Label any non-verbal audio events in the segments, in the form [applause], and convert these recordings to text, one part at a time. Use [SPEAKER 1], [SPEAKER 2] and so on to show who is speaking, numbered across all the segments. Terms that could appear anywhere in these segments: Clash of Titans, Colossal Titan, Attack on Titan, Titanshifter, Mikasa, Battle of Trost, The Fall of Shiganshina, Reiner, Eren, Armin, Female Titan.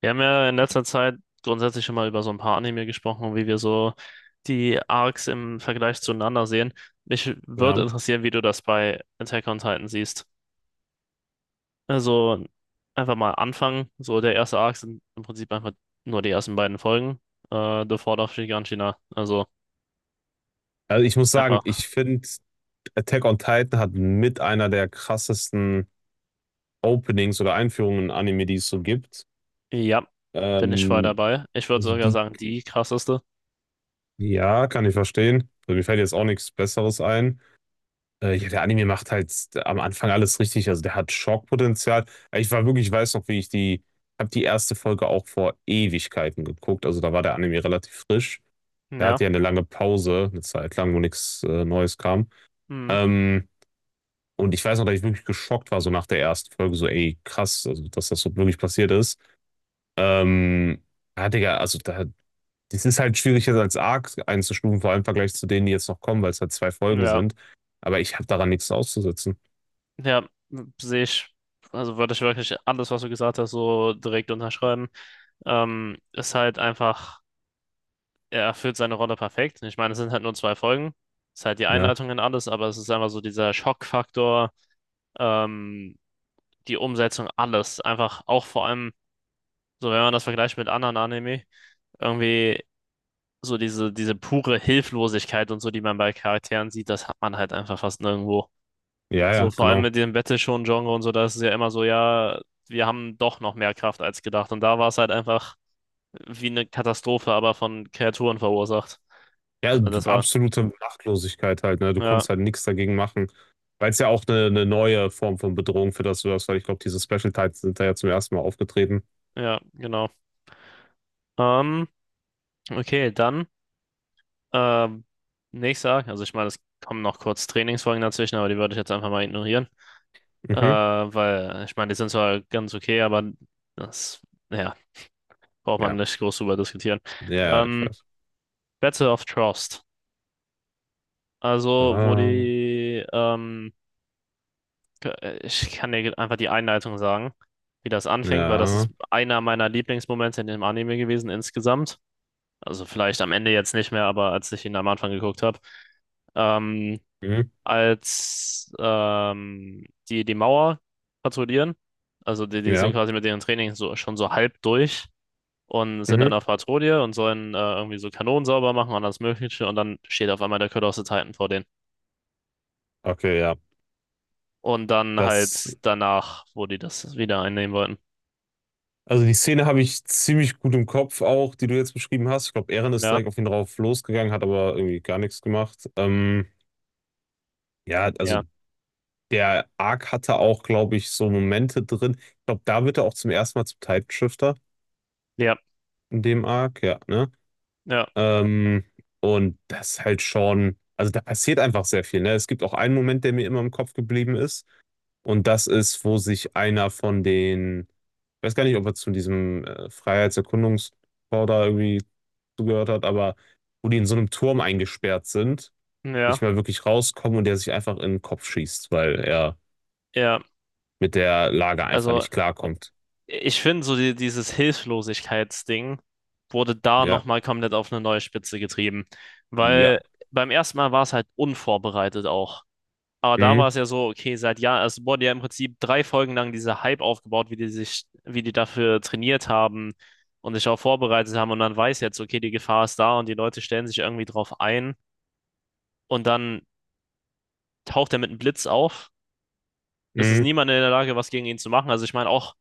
[SPEAKER 1] Wir haben ja in letzter Zeit grundsätzlich schon mal über so ein paar Anime gesprochen und wie wir so die Arcs im Vergleich zueinander sehen. Mich würde
[SPEAKER 2] Ja.
[SPEAKER 1] interessieren, wie du das bei Attack on Titan siehst. Also einfach mal anfangen. So der erste Arc sind im Prinzip einfach nur die ersten beiden Folgen. The Fall of Giganshina. Also
[SPEAKER 2] Also ich muss sagen,
[SPEAKER 1] einfach,
[SPEAKER 2] ich finde, Attack on Titan hat mit einer der krassesten Openings oder Einführungen in Anime, die es so gibt.
[SPEAKER 1] ja, bin ich voll
[SPEAKER 2] Ähm,
[SPEAKER 1] dabei. Ich würde
[SPEAKER 2] also
[SPEAKER 1] sogar
[SPEAKER 2] die,
[SPEAKER 1] sagen, die krasseste.
[SPEAKER 2] ja, kann ich verstehen. Also mir fällt jetzt auch nichts Besseres ein. Ja, der Anime macht halt am Anfang alles richtig. Also der hat Schockpotenzial. Ich war wirklich, ich weiß noch, wie ich die, Habe die erste Folge auch vor Ewigkeiten geguckt. Also da war der Anime relativ frisch. Der
[SPEAKER 1] Ja,
[SPEAKER 2] hatte ja eine lange Pause, eine Zeit lang, wo nichts Neues kam.
[SPEAKER 1] mhm.
[SPEAKER 2] Ähm, Und ich weiß noch, dass ich wirklich geschockt war, so nach der ersten Folge, so, ey, krass, also, dass das so wirklich passiert ist. Ähm, ja, Digga, das ist halt schwierig, jetzt als Arc einzustufen, vor allem im Vergleich zu denen, die jetzt noch kommen, weil es halt 2 Folgen
[SPEAKER 1] Ja,
[SPEAKER 2] sind. Aber ich habe daran nichts auszusetzen.
[SPEAKER 1] ja, sehe ich. Also würde ich wirklich alles, was du gesagt hast, so direkt unterschreiben. Ist halt einfach, er erfüllt seine Rolle perfekt. Ich meine, es sind halt nur zwei Folgen. Ist halt die
[SPEAKER 2] Ja,
[SPEAKER 1] Einleitung in alles, aber es ist einfach so dieser Schockfaktor, ähm, die Umsetzung, alles. Einfach auch vor allem, so wenn man das vergleicht mit anderen Anime, irgendwie so diese pure Hilflosigkeit und so, die man bei Charakteren sieht, das hat man halt einfach fast nirgendwo.
[SPEAKER 2] ja,
[SPEAKER 1] So
[SPEAKER 2] ja,
[SPEAKER 1] vor allem
[SPEAKER 2] genau.
[SPEAKER 1] mit dem Battle Shonen Genre und so, da ist es ja immer so, ja, wir haben doch noch mehr Kraft als gedacht. Und da war es halt einfach wie eine Katastrophe, aber von Kreaturen verursacht.
[SPEAKER 2] Ja,
[SPEAKER 1] Also das war.
[SPEAKER 2] absolute Machtlosigkeit halt, ne? Du
[SPEAKER 1] Ja,
[SPEAKER 2] konntest halt nichts dagegen machen. Weil es ja auch eine neue Form von Bedrohung für das du hast, weil ich glaube, diese Special Tides sind da ja zum ersten Mal aufgetreten.
[SPEAKER 1] ja, genau. Ähm, okay, dann ähm, nächster. Also ich meine, es kommen noch kurz Trainingsfolgen dazwischen, aber die würde ich jetzt einfach mal ignorieren.
[SPEAKER 2] Mhm.
[SPEAKER 1] Weil ich meine, die sind zwar ganz okay, aber das, ja, braucht man
[SPEAKER 2] Ja.
[SPEAKER 1] nicht groß drüber diskutieren.
[SPEAKER 2] Ja, ich
[SPEAKER 1] Ähm,
[SPEAKER 2] weiß.
[SPEAKER 1] Battle of Trust. Also, wo
[SPEAKER 2] Ah,
[SPEAKER 1] die, ich kann dir einfach die Einleitung sagen, wie das anfängt, weil das
[SPEAKER 2] ja.
[SPEAKER 1] ist einer meiner Lieblingsmomente in dem Anime gewesen insgesamt. Also vielleicht am Ende jetzt nicht mehr, aber als ich ihn am Anfang geguckt habe, ähm,
[SPEAKER 2] Mhm.
[SPEAKER 1] als die Mauer patrouillieren. Also die, die sind
[SPEAKER 2] Ja.
[SPEAKER 1] quasi mit ihren Trainings so, schon so halb durch und sind dann
[SPEAKER 2] Mhm.
[SPEAKER 1] auf Patrouille und sollen irgendwie so Kanonen sauber machen und alles Mögliche. Und dann steht auf einmal der Colossal Titan vor denen.
[SPEAKER 2] Okay, ja.
[SPEAKER 1] Und dann
[SPEAKER 2] Das,
[SPEAKER 1] halt danach, wo die das wieder einnehmen wollten.
[SPEAKER 2] also die Szene habe ich ziemlich gut im Kopf auch, die du jetzt beschrieben hast. Ich glaube, Eren ist
[SPEAKER 1] Ja,
[SPEAKER 2] direkt auf ihn drauf losgegangen, hat aber irgendwie gar nichts gemacht. Ja, also
[SPEAKER 1] ja,
[SPEAKER 2] der Arc hatte auch, glaube ich, so Momente drin. Ich glaube, da wird er auch zum ersten Mal zum Titanshifter
[SPEAKER 1] ja,
[SPEAKER 2] in dem Arc, ja, ne?
[SPEAKER 1] ja,
[SPEAKER 2] Ähm, und das halt schon, also da passiert einfach sehr viel, ne? Es gibt auch einen Moment, der mir immer im Kopf geblieben ist. Und das ist, wo sich einer von den Ich weiß gar nicht, ob er zu diesem Freiheitserkundungschor da irgendwie zugehört hat, aber wo die in so einem Turm eingesperrt sind, nicht
[SPEAKER 1] ja,
[SPEAKER 2] mehr wirklich rauskommen und der sich einfach in den Kopf schießt, weil er
[SPEAKER 1] ja.
[SPEAKER 2] mit der Lage einfach
[SPEAKER 1] Also
[SPEAKER 2] nicht klarkommt.
[SPEAKER 1] ich finde, so die, dieses Hilflosigkeitsding wurde da
[SPEAKER 2] Ja,
[SPEAKER 1] nochmal komplett auf eine neue Spitze getrieben.
[SPEAKER 2] ja,
[SPEAKER 1] Weil beim ersten Mal war es halt unvorbereitet auch. Aber da war
[SPEAKER 2] mhm,
[SPEAKER 1] es ja so, okay, seit Jahren, es wurde ja im Prinzip drei Folgen lang dieser Hype aufgebaut, wie die sich, wie die dafür trainiert haben und sich auch vorbereitet haben. Und man weiß jetzt, okay, die Gefahr ist da und die Leute stellen sich irgendwie drauf ein. Und dann taucht er mit einem Blitz auf. Es ist
[SPEAKER 2] mhm,
[SPEAKER 1] niemand in der Lage, was gegen ihn zu machen. Also ich meine, auch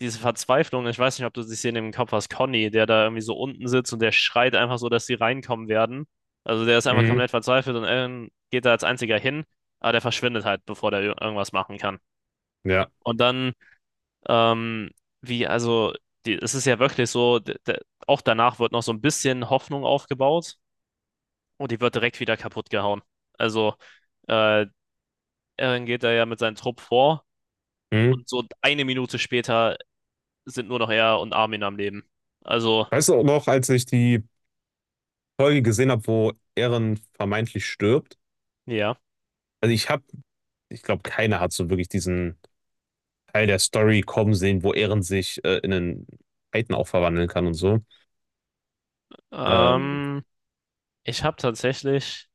[SPEAKER 1] diese Verzweiflung, ich weiß nicht, ob du die Szene im Kopf hast, Conny, der da irgendwie so unten sitzt und der schreit einfach so, dass die reinkommen werden. Also der ist einfach
[SPEAKER 2] mhm,
[SPEAKER 1] komplett verzweifelt und Aaron geht da als einziger hin, aber der verschwindet halt, bevor der irgendwas machen kann.
[SPEAKER 2] ja,
[SPEAKER 1] Und dann, ähm, wie, also, die, es ist ja wirklich so, auch danach wird noch so ein bisschen Hoffnung aufgebaut und die wird direkt wieder kaputt gehauen. Also, äh, Aaron geht da ja mit seinem Trupp vor
[SPEAKER 2] mhm.
[SPEAKER 1] und so eine Minute später sind nur noch er und Armin am Leben. Also,
[SPEAKER 2] Weißt du auch noch, als ich die Folge gesehen habe, wo Eren vermeintlich stirbt?
[SPEAKER 1] ja.
[SPEAKER 2] Also ich habe, Ich glaube, keiner hat so wirklich diesen Teil der Story kommen sehen, wo Eren sich in einen Titan auch verwandeln kann und so. Ähm,
[SPEAKER 1] Ähm, ich habe tatsächlich,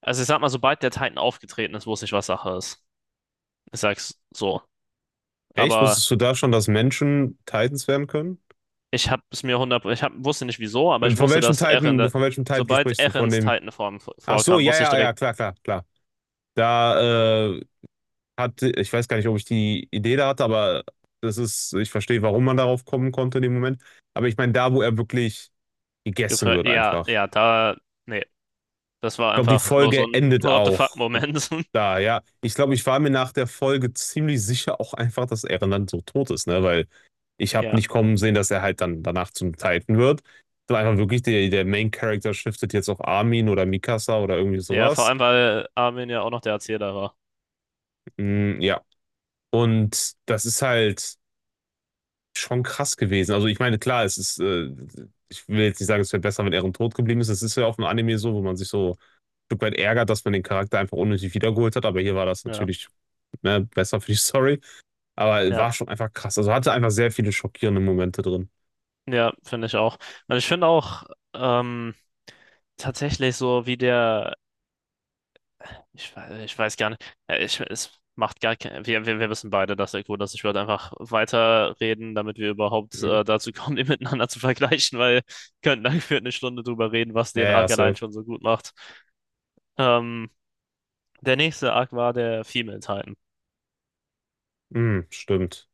[SPEAKER 1] also ich sag mal, sobald der Titan aufgetreten ist, wusste ich, was Sache ist. Ich sag's so.
[SPEAKER 2] Echt?
[SPEAKER 1] Aber
[SPEAKER 2] Wusstest du da schon, dass Menschen Titans werden können?
[SPEAKER 1] ich habe es mir hundert, ich hab, wusste nicht wieso, aber ich wusste, dass Eren,
[SPEAKER 2] Von welchem Titan
[SPEAKER 1] sobald
[SPEAKER 2] sprichst du? Von
[SPEAKER 1] Erens
[SPEAKER 2] dem. Ach so,
[SPEAKER 1] Vorkam,
[SPEAKER 2] ja,
[SPEAKER 1] wusste ich
[SPEAKER 2] ja, ja,
[SPEAKER 1] direkt,
[SPEAKER 2] klar, klar, klar. Da hatte, ich weiß gar nicht, ob ich die Idee da hatte, aber das ist, ich verstehe, warum man darauf kommen konnte in dem Moment. Aber ich meine, da, wo er wirklich gegessen wird,
[SPEAKER 1] ja,
[SPEAKER 2] einfach.
[SPEAKER 1] ja, da, nee, das war
[SPEAKER 2] Ich glaube, die
[SPEAKER 1] einfach nur so
[SPEAKER 2] Folge
[SPEAKER 1] ein [laughs]
[SPEAKER 2] endet
[SPEAKER 1] What the
[SPEAKER 2] auch
[SPEAKER 1] fuck-Moment. [laughs]
[SPEAKER 2] da, ja. Ich glaube, ich war mir nach der Folge ziemlich sicher auch einfach, dass er dann so tot ist, ne? Weil ich habe
[SPEAKER 1] Ja,
[SPEAKER 2] nicht kommen sehen, dass er halt dann danach zum Titan wird. Sondern einfach wirklich, der Main Character shiftet jetzt auf Armin oder Mikasa oder irgendwie
[SPEAKER 1] ja, vor
[SPEAKER 2] sowas.
[SPEAKER 1] allem, weil Armin ja auch noch der Erzähler war.
[SPEAKER 2] Mm, ja. Und das ist halt schon krass gewesen. Also ich meine, klar, es ist, ich will jetzt nicht sagen, es wäre besser, wenn Eren tot geblieben ist. Es ist ja auch im Anime so, wo man sich so ein Stück weit ärgert, dass man den Charakter einfach unnötig wiedergeholt hat. Aber hier war das
[SPEAKER 1] Ja,
[SPEAKER 2] natürlich, ne, besser für die [laughs] Story. Aber
[SPEAKER 1] ja,
[SPEAKER 2] war schon einfach krass. Also hatte einfach sehr viele schockierende Momente drin.
[SPEAKER 1] ja, finde ich auch. Und ich finde auch, ähm, tatsächlich so, wie der ich weiß gar nicht. Ja, Ich, es macht gar kein, wir wissen beide, dass der Code ist. Ich würde einfach weiterreden, damit wir überhaupt
[SPEAKER 2] Mhm.
[SPEAKER 1] dazu kommen, die [laughs] miteinander zu vergleichen, weil wir könnten dann für eine Stunde drüber reden, was
[SPEAKER 2] Ja,
[SPEAKER 1] den
[SPEAKER 2] ja,
[SPEAKER 1] Arc allein
[SPEAKER 2] safe.
[SPEAKER 1] schon so gut macht. Ähm, der nächste Arc war der Female Titan.
[SPEAKER 2] Mhm, stimmt.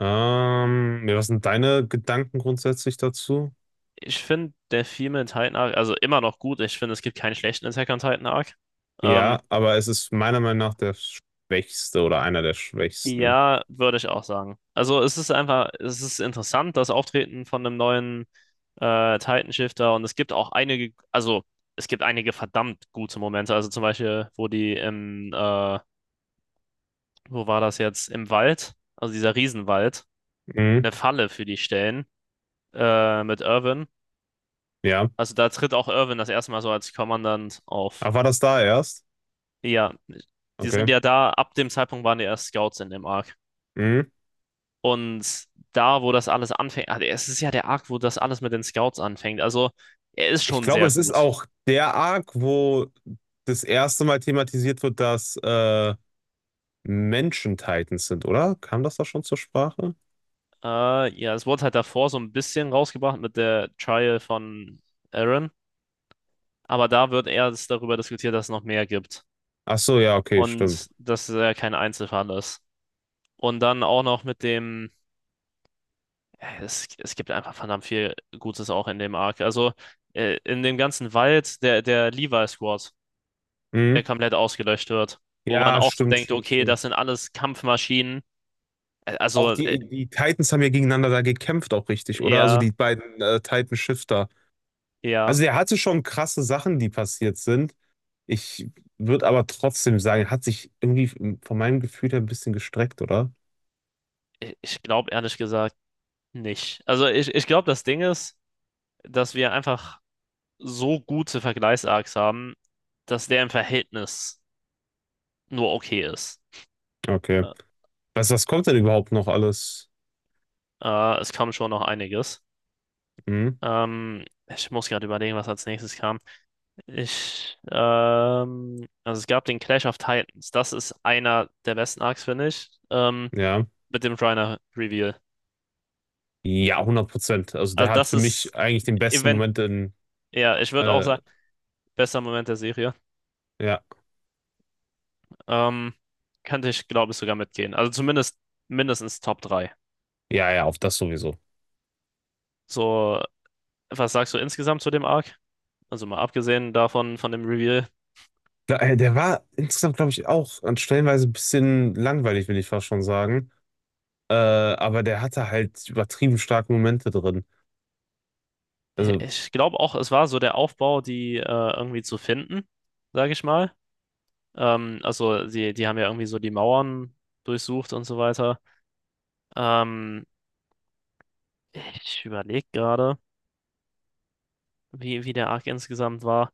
[SPEAKER 2] Ja, was sind deine Gedanken grundsätzlich dazu?
[SPEAKER 1] Ich finde der Female Titan Arc, also immer noch gut. Ich finde, es gibt keinen schlechten Attack on Titan Arc. Ähm,
[SPEAKER 2] Ja, aber es ist meiner Meinung nach der schwächste oder einer der schwächsten.
[SPEAKER 1] Ja, würde ich auch sagen. Also es ist einfach, es ist interessant, das Auftreten von einem neuen Titan-Shifter und es gibt auch einige, also es gibt einige verdammt gute Momente. Also zum Beispiel, wo die im, wo war das jetzt? Im Wald, also dieser Riesenwald,
[SPEAKER 2] Mhm,
[SPEAKER 1] eine Falle für die stellen mit Irwin.
[SPEAKER 2] ja.
[SPEAKER 1] Also da tritt auch Irwin das erste Mal so als Kommandant auf.
[SPEAKER 2] Ach, war das da erst?
[SPEAKER 1] Ja, die sind
[SPEAKER 2] Okay.
[SPEAKER 1] ja da, ab dem Zeitpunkt waren die erst Scouts in dem Arc.
[SPEAKER 2] Mhm.
[SPEAKER 1] Und da, wo das alles anfängt, ah, es ist ja der Arc, wo das alles mit den Scouts anfängt. Also, er ist
[SPEAKER 2] Ich
[SPEAKER 1] schon
[SPEAKER 2] glaube,
[SPEAKER 1] sehr
[SPEAKER 2] es ist
[SPEAKER 1] gut.
[SPEAKER 2] auch der Arc, wo das erste Mal thematisiert wird, dass Menschen Titans sind, oder? Kam das da schon zur Sprache?
[SPEAKER 1] Ja, es wurde halt davor so ein bisschen rausgebracht mit der Trial von Aaron, aber da wird erst darüber diskutiert, dass es noch mehr gibt
[SPEAKER 2] Ach so, ja, okay, stimmt.
[SPEAKER 1] und dass er kein Einzelfall ist. Und dann auch noch mit dem, es gibt einfach verdammt viel Gutes auch in dem Arc. Also, in dem ganzen Wald, der Levi Squad der
[SPEAKER 2] Mhm.
[SPEAKER 1] komplett ausgelöscht wird. Wo man
[SPEAKER 2] Ja,
[SPEAKER 1] auch so
[SPEAKER 2] stimmt,
[SPEAKER 1] denkt,
[SPEAKER 2] stimmt,
[SPEAKER 1] okay,
[SPEAKER 2] stimmt.
[SPEAKER 1] das sind alles Kampfmaschinen. Äh,
[SPEAKER 2] Auch
[SPEAKER 1] Also äh,
[SPEAKER 2] die Titans haben ja gegeneinander da gekämpft, auch richtig, oder? Also
[SPEAKER 1] eher,
[SPEAKER 2] die beiden Titan-Shifter.
[SPEAKER 1] eher,
[SPEAKER 2] Also er hatte schon krasse Sachen, die passiert sind. Ich würde aber trotzdem sagen, er hat sich irgendwie von meinem Gefühl her ein bisschen gestreckt, oder?
[SPEAKER 1] ich glaube ehrlich gesagt nicht. Also ich glaube, das Ding ist, dass wir einfach so gute Vergleichsarcs haben, dass der im Verhältnis nur okay ist.
[SPEAKER 2] Okay.
[SPEAKER 1] Ä-
[SPEAKER 2] Was, was kommt denn überhaupt noch alles?
[SPEAKER 1] Es kam schon noch einiges.
[SPEAKER 2] Hm?
[SPEAKER 1] Ich muss gerade überlegen, was als nächstes kam. Also es gab den Clash of Titans. Das ist einer der besten Arcs, finde ich.
[SPEAKER 2] Ja.
[SPEAKER 1] Mit dem Reiner Reveal.
[SPEAKER 2] Ja, 100%. Also der
[SPEAKER 1] Also
[SPEAKER 2] hat
[SPEAKER 1] das
[SPEAKER 2] für mich
[SPEAKER 1] ist
[SPEAKER 2] eigentlich den besten
[SPEAKER 1] Event,
[SPEAKER 2] Moment in,
[SPEAKER 1] ja, ich würde auch
[SPEAKER 2] äh,
[SPEAKER 1] sagen, bester Moment der Serie.
[SPEAKER 2] ja.
[SPEAKER 1] Ähm, könnte ich, glaube ich, sogar mitgehen. Also zumindest mindestens Top 3.
[SPEAKER 2] Ja, ja, auf das sowieso.
[SPEAKER 1] So, was sagst du insgesamt zu dem Arc? Also mal abgesehen davon, von dem Reveal.
[SPEAKER 2] Der war insgesamt, glaube ich, auch an stellenweise ein bisschen langweilig, will ich fast schon sagen. Aber der hatte halt übertrieben starke Momente drin. Also,
[SPEAKER 1] Ich glaube auch, es war so der Aufbau, die irgendwie zu finden, sage ich mal. Also die, die haben ja irgendwie so die Mauern durchsucht und so weiter. Ähm, ich überlege gerade, wie der Arc insgesamt war.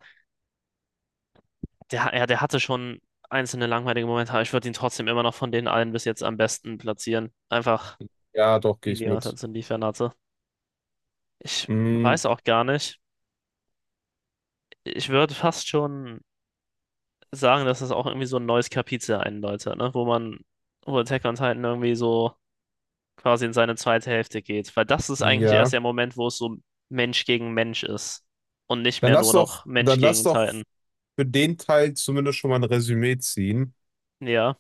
[SPEAKER 1] Der, ja, der hatte schon einzelne langweilige Momente, aber ich würde ihn trotzdem immer noch von den allen bis jetzt am besten platzieren. Einfach
[SPEAKER 2] ja, doch, gehe
[SPEAKER 1] wegen
[SPEAKER 2] ich
[SPEAKER 1] dem, was er
[SPEAKER 2] mit.
[SPEAKER 1] zu liefern hatte. Ich
[SPEAKER 2] mh,
[SPEAKER 1] weiß auch gar nicht. Ich würde fast schon sagen, dass es auch irgendwie so ein neues Kapitel einläutet, ne? Wo man, wo Attack on Titan irgendwie so quasi in seine zweite Hälfte geht. Weil das ist eigentlich erst
[SPEAKER 2] Ja.
[SPEAKER 1] der Moment, wo es so Mensch gegen Mensch ist. Und nicht
[SPEAKER 2] Dann
[SPEAKER 1] mehr
[SPEAKER 2] lass
[SPEAKER 1] nur
[SPEAKER 2] doch,
[SPEAKER 1] noch Mensch
[SPEAKER 2] Dann lass
[SPEAKER 1] gegen
[SPEAKER 2] doch
[SPEAKER 1] Titan.
[SPEAKER 2] für den Teil zumindest schon mal ein Resümee ziehen.
[SPEAKER 1] Ja,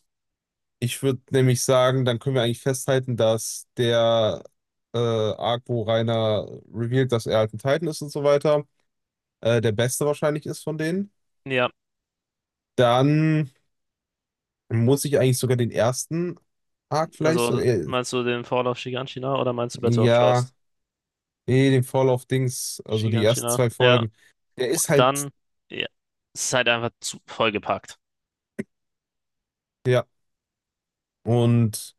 [SPEAKER 2] Ich würde nämlich sagen, dann können wir eigentlich festhalten, dass der Arc, wo Reiner revealed, dass er halt ein Titan ist und so weiter, der beste wahrscheinlich ist von denen.
[SPEAKER 1] ja.
[SPEAKER 2] Dann muss ich eigentlich sogar den ersten Arc vielleicht so,
[SPEAKER 1] Also
[SPEAKER 2] äh,
[SPEAKER 1] meinst du den Fall of Shiganshina oder meinst du Battle of
[SPEAKER 2] ja,
[SPEAKER 1] Trost?
[SPEAKER 2] nee, den Fall of Dings, also die ersten
[SPEAKER 1] Shiganshina.
[SPEAKER 2] zwei
[SPEAKER 1] Ja,
[SPEAKER 2] Folgen, der ist
[SPEAKER 1] und
[SPEAKER 2] halt,
[SPEAKER 1] dann, ja, es ist halt einfach zu vollgepackt.
[SPEAKER 2] ja, und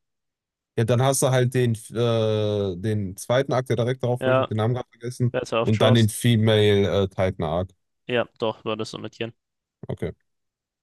[SPEAKER 2] ja, dann hast du halt den, den zweiten Arc, der direkt darauf folgt, ich habe
[SPEAKER 1] Ja,
[SPEAKER 2] den Namen gerade vergessen,
[SPEAKER 1] Battle of
[SPEAKER 2] und dann den
[SPEAKER 1] Trost.
[SPEAKER 2] Female, Titan Arc.
[SPEAKER 1] Ja, doch, war das so mit Yen.
[SPEAKER 2] Okay.